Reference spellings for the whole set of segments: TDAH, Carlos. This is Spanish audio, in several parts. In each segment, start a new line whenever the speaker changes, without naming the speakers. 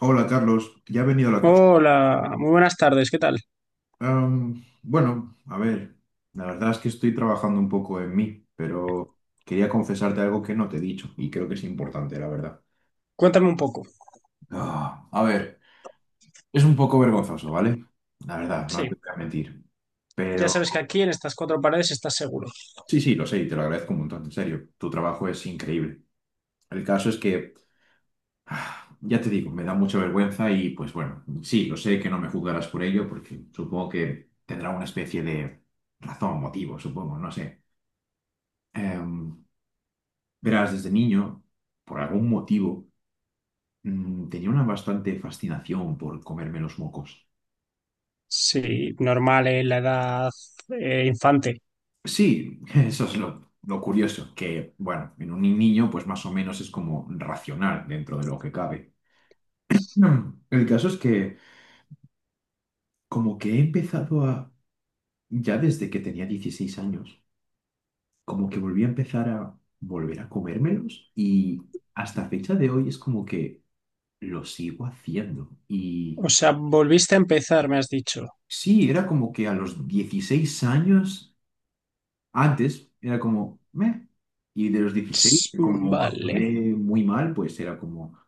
Hola Carlos, ya he venido a la consulta.
Hola, muy buenas tardes, ¿qué tal?
Bueno, a ver, la verdad es que estoy trabajando un poco en mí, pero quería confesarte algo que no te he dicho y creo que es importante, la verdad.
Cuéntame un poco.
Ah, a ver, es un poco vergonzoso, ¿vale? La verdad, no te
Sí,
voy a mentir.
ya
Pero
sabes que aquí en estas cuatro paredes estás seguro.
sí, sí, lo sé y te lo agradezco un montón, en serio. Tu trabajo es increíble. El caso es que ya te digo, me da mucha vergüenza y pues bueno, sí, lo sé que no me juzgarás por ello porque supongo que tendrá una especie de razón, motivo, supongo, no sé. Em, Verás, desde niño, por algún motivo, tenía una bastante fascinación por comerme los mocos.
Sí, normal, ¿eh? La edad infante.
Sí, eso es lo curioso, que bueno, en un niño pues más o menos es como racional dentro de lo que cabe. El caso es que como que he empezado a, ya desde que tenía 16 años, como que volví a empezar a volver a comérmelos y hasta fecha de hoy es como que lo sigo haciendo. Y
O sea, volviste a empezar, me has dicho.
sí, era como que a los 16 años, antes era como, meh, y de los 16
Ts,
como
vale.
actué muy mal, pues era como,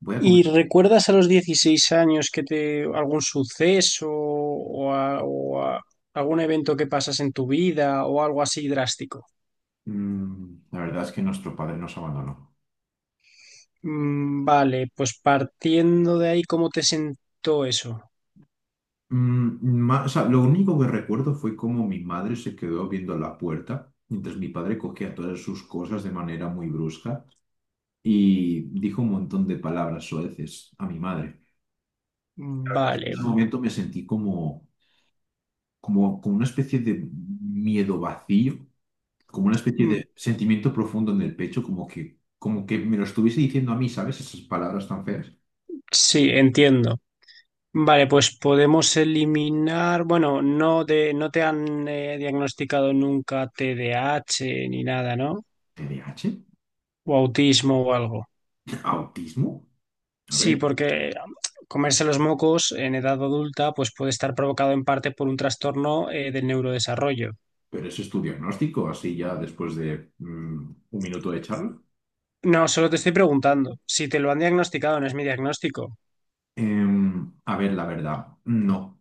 voy a comer.
¿Y recuerdas a los 16 años que te algún suceso o, algún evento que pasas en tu vida o algo así drástico?
La verdad es que nuestro padre nos abandonó.
Mm, vale, pues partiendo de ahí, ¿cómo te sentó eso?
O sea, lo único que recuerdo fue como mi madre se quedó viendo la puerta, mientras mi padre cogía todas sus cosas de manera muy brusca y dijo un montón de palabras soeces a mi madre. La verdad es que en ese
Vale.
momento me sentí como una especie de miedo vacío, como una especie
Mm,
de sentimiento profundo en el pecho, como que me lo estuviese diciendo a mí, ¿sabes? Esas palabras tan feas.
sí, entiendo. Vale, pues podemos eliminar, bueno, no te han diagnosticado nunca TDAH ni nada, ¿no?
TDAH.
O autismo o algo.
¿Autismo? A
Sí,
ver,
porque comerse los mocos en edad adulta, pues puede estar provocado en parte por un trastorno del neurodesarrollo.
pero ese es tu diagnóstico, así ya después de un minuto de charla.
No, solo te estoy preguntando. Si te lo han diagnosticado, no es mi diagnóstico.
A ver, la verdad, no.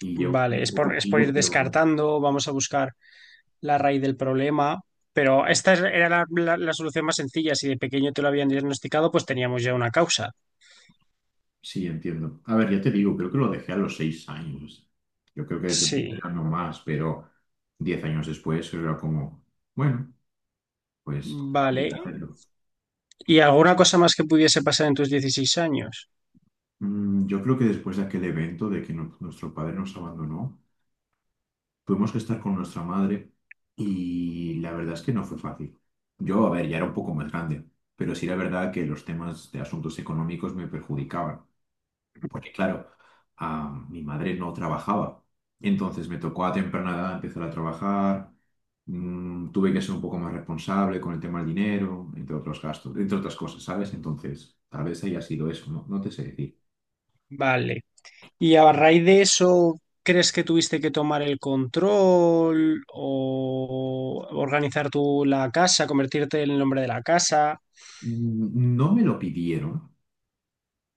Y llevo un
Vale, es
tiempo
por, es por ir
contigo, pero.
descartando. Vamos a buscar la raíz del problema. Pero esta era la solución más sencilla. Si de pequeño te lo habían diagnosticado, pues teníamos ya una causa.
Sí, entiendo. A ver, ya te digo, creo que lo dejé a los 6 años. Yo creo que desde entonces
Sí,
ya no más, pero 10 años después era como, bueno, pues
vale.
voy a hacerlo.
¿Y alguna cosa más que pudiese pasar en tus dieciséis años?
Yo creo que después de aquel evento de que nuestro padre nos abandonó, tuvimos que estar con nuestra madre y la verdad es que no fue fácil. Yo, a ver, ya era un poco más grande, pero sí era verdad que los temas de asuntos económicos me perjudicaban. Porque claro, mi madre no trabajaba. Entonces me tocó a temprana edad empezar a trabajar, tuve que ser un poco más responsable con el tema del dinero, entre otros gastos, entre otras cosas, ¿sabes? Entonces, tal vez haya sido eso, no, no te sé decir.
Vale. ¿Y a raíz de eso, crees que tuviste que tomar el control o organizar tú la casa, convertirte en el hombre de la casa?
No me lo pidieron,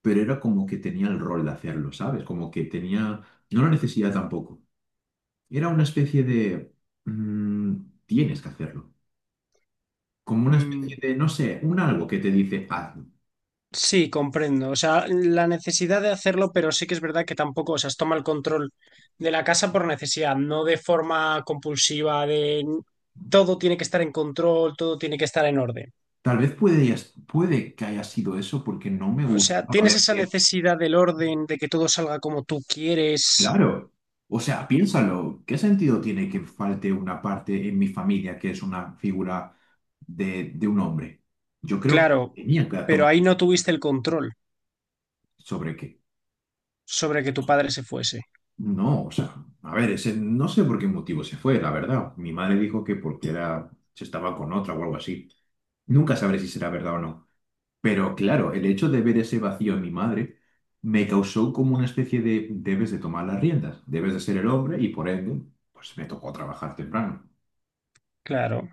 pero era como que tenía el rol de hacerlo, ¿sabes? Como que tenía, no la necesidad tampoco. Era una especie de, mm, tienes que hacerlo. Como una especie
Mm,
de, no sé, un algo que te dice, hazlo.
sí, comprendo. O sea, la necesidad de hacerlo, pero sí que es verdad que tampoco, o sea, toma el control de la casa por necesidad, no de forma compulsiva, de todo tiene que estar en control, todo tiene que estar en orden.
Tal vez puede, ya puede que haya sido eso porque no me
O
gusta.
sea,
A
tienes
ver,
esa
que,
necesidad del orden, de que todo salga como tú quieres,
claro. O sea, piénsalo, ¿qué sentido tiene que falte una parte en mi familia que es una figura de un hombre? Yo creo que
claro,
tenía que
pero
tomar.
ahí no tuviste el control
¿Sobre qué?
sobre que tu padre se fuese,
No, o sea, a ver, ese, no sé por qué motivo se fue, la verdad. Mi madre dijo que porque era, se estaba con otra o algo así. Nunca sabré si será verdad o no. Pero claro, el hecho de ver ese vacío en mi madre me causó como una especie de debes de tomar las riendas, debes de ser el hombre y por ende, pues me tocó trabajar temprano.
claro.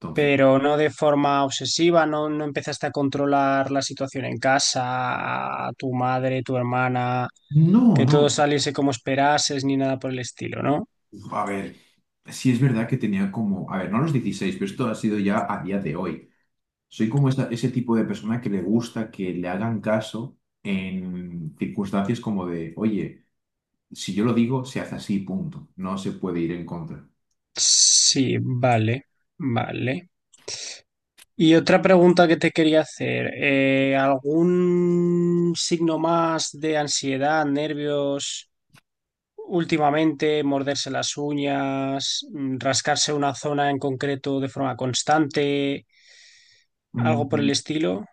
Entonces,
Pero no de forma obsesiva, no, no empezaste a controlar la situación en casa, a tu madre, tu hermana,
no,
que todo
no.
saliese como esperases, ni nada por el estilo, ¿no?
A ver, sí es verdad que tenía como, a ver, no a los 16 pero esto ha sido ya a día de hoy. Soy como ese tipo de persona que le gusta que le hagan caso en circunstancias como de, oye, si yo lo digo, se hace así, punto. No se puede ir en contra.
Sí, vale, vale. Y otra pregunta que te quería hacer, ¿algún signo más de ansiedad, nervios últimamente, morderse las uñas, rascarse una zona en concreto de forma constante, algo por
Mm,
el estilo?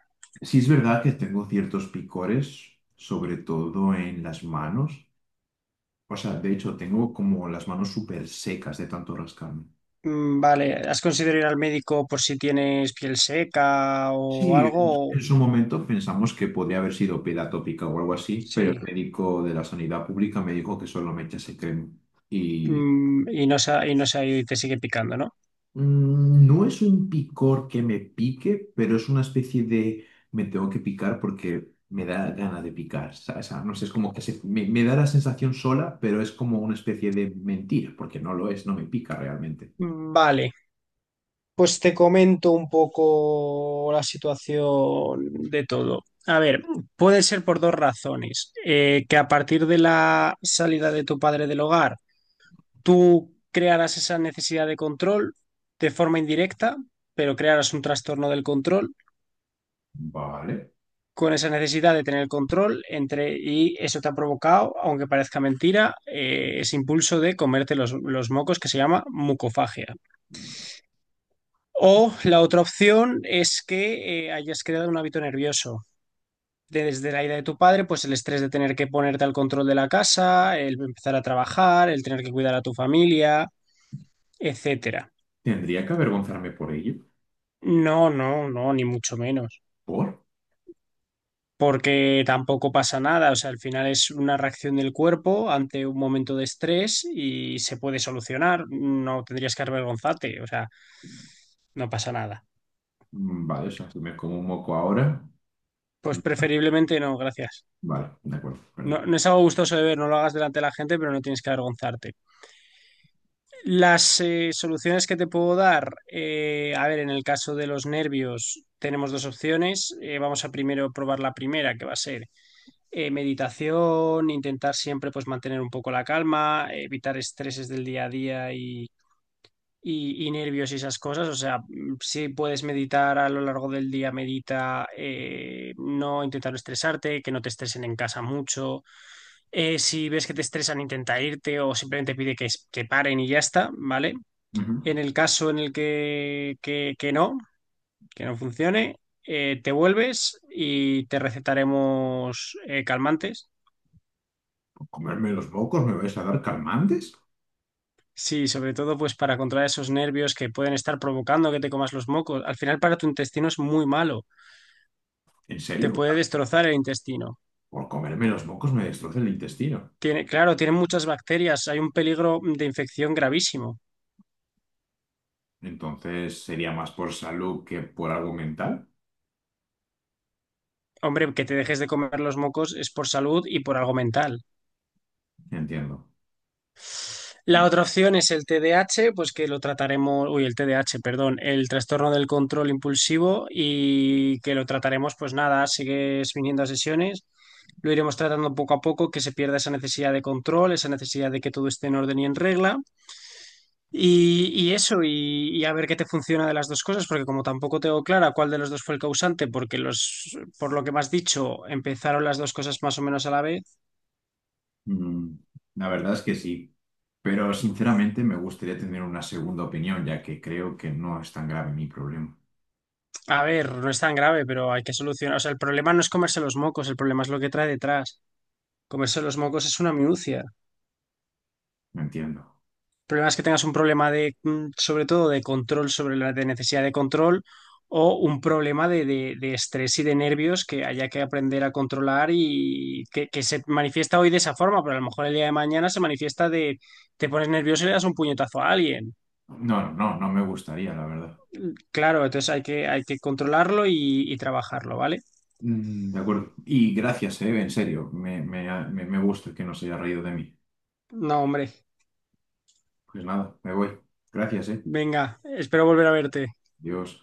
Sí es verdad que tengo ciertos picores, sobre todo en las manos. O sea, de hecho, tengo como las manos súper secas de tanto rascarme.
Mm, vale, ¿has considerado ir al médico por si tienes piel seca o
Sí, en su
algo?
en su momento pensamos que podría haber sido piel atópica o algo así, pero el
Sí.
médico de la sanidad pública me dijo que solo me echase crema. Y
Y no se ha ido y te sigue picando, ¿no?
No es un picor que me pique, pero es una especie de me tengo que picar porque me da gana de picar, ¿sabes? O sea, no sé, es como que me da la sensación sola, pero es como una especie de mentira, porque no lo es, no me pica realmente.
Mm, vale, pues te comento un poco la situación de todo. A ver, puede ser por dos razones. Que a partir de la salida de tu padre del hogar, tú crearás esa necesidad de control de forma indirecta, pero crearás un trastorno del control.
Vale,
Con esa necesidad de tener el control entre, y eso te ha provocado, aunque parezca mentira, ese impulso de comerte los mocos que se llama mucofagia. O la otra opción es que hayas creado un hábito nervioso. Desde la ida de tu padre, pues el estrés de tener que ponerte al control de la casa, el empezar a trabajar, el tener que cuidar a tu familia, etcétera.
tendría que avergonzarme por ello.
No, no, no, ni mucho menos.
¿Por?
Porque tampoco pasa nada, o sea, al final es una reacción del cuerpo ante un momento de estrés y se puede solucionar, no tendrías que avergonzarte, o sea, no pasa nada.
Vale, o sea, si me como un moco ahora. mm,
Pues preferiblemente no, gracias.
Vale, de acuerdo, perdón.
No, no es algo gustoso de ver, no lo hagas delante de la gente, pero no tienes que avergonzarte. Las soluciones que te puedo dar, a ver, en el caso de los nervios tenemos dos opciones. Vamos a primero probar la primera, que va a ser meditación, intentar siempre pues mantener un poco la calma, evitar estreses del día a día y nervios y esas cosas. O sea, si puedes meditar a lo largo del día, medita, no intentar no estresarte, que no te estresen en casa mucho. Si ves que te estresan, intenta irte o simplemente pide que paren y ya está, ¿vale?
Ujú.
En el caso en el que no funcione. Te vuelves y te recetaremos calmantes.
¿Por comerme los mocos me vais a dar calmantes?
Sí, sobre todo pues para controlar esos nervios que pueden estar provocando que te comas los mocos. Al final para tu intestino es muy malo,
¿En
te
serio? O
puede
sea,
destrozar el intestino.
por comerme los mocos me destroza el intestino.
Tiene, claro, tiene muchas bacterias, hay un peligro de infección gravísimo.
Entonces sería más por salud que por algo mental,
Hombre, que te dejes de comer los mocos es por salud y por algo mental.
entiendo.
La otra opción es el TDAH, pues que lo trataremos, uy, el TDAH, perdón, el trastorno del control impulsivo y que lo trataremos, pues nada, sigues viniendo a sesiones, lo iremos tratando poco a poco, que se pierda esa necesidad de control, esa necesidad de que todo esté en orden y en regla. Y eso, y a ver qué te funciona de las dos cosas, porque como tampoco tengo clara cuál de los dos fue el causante, porque por lo que me has dicho, empezaron las dos cosas más o menos a la vez.
Mm, la verdad es que sí, pero sinceramente me gustaría tener una segunda opinión, ya que creo que no es tan grave mi problema.
A ver, no es tan grave, pero hay que solucionar. O sea, el problema no es comerse los mocos, el problema es lo que trae detrás. Comerse los mocos es una minucia. El
No entiendo.
problema es que tengas un problema de, sobre todo, de control sobre la de necesidad de control o un problema de estrés y de nervios que haya que aprender a controlar y que se manifiesta hoy de esa forma, pero a lo mejor el día de mañana se manifiesta de te pones nervioso y le das un puñetazo a alguien.
No, no, no no me gustaría, la verdad.
Claro, entonces hay que controlarlo y trabajarlo, ¿vale?
De acuerdo. Y gracias, en serio, me gusta que no se haya reído de mí.
No, hombre.
Pues nada, me voy. Gracias, eh.
Venga, espero volver a verte.
Dios.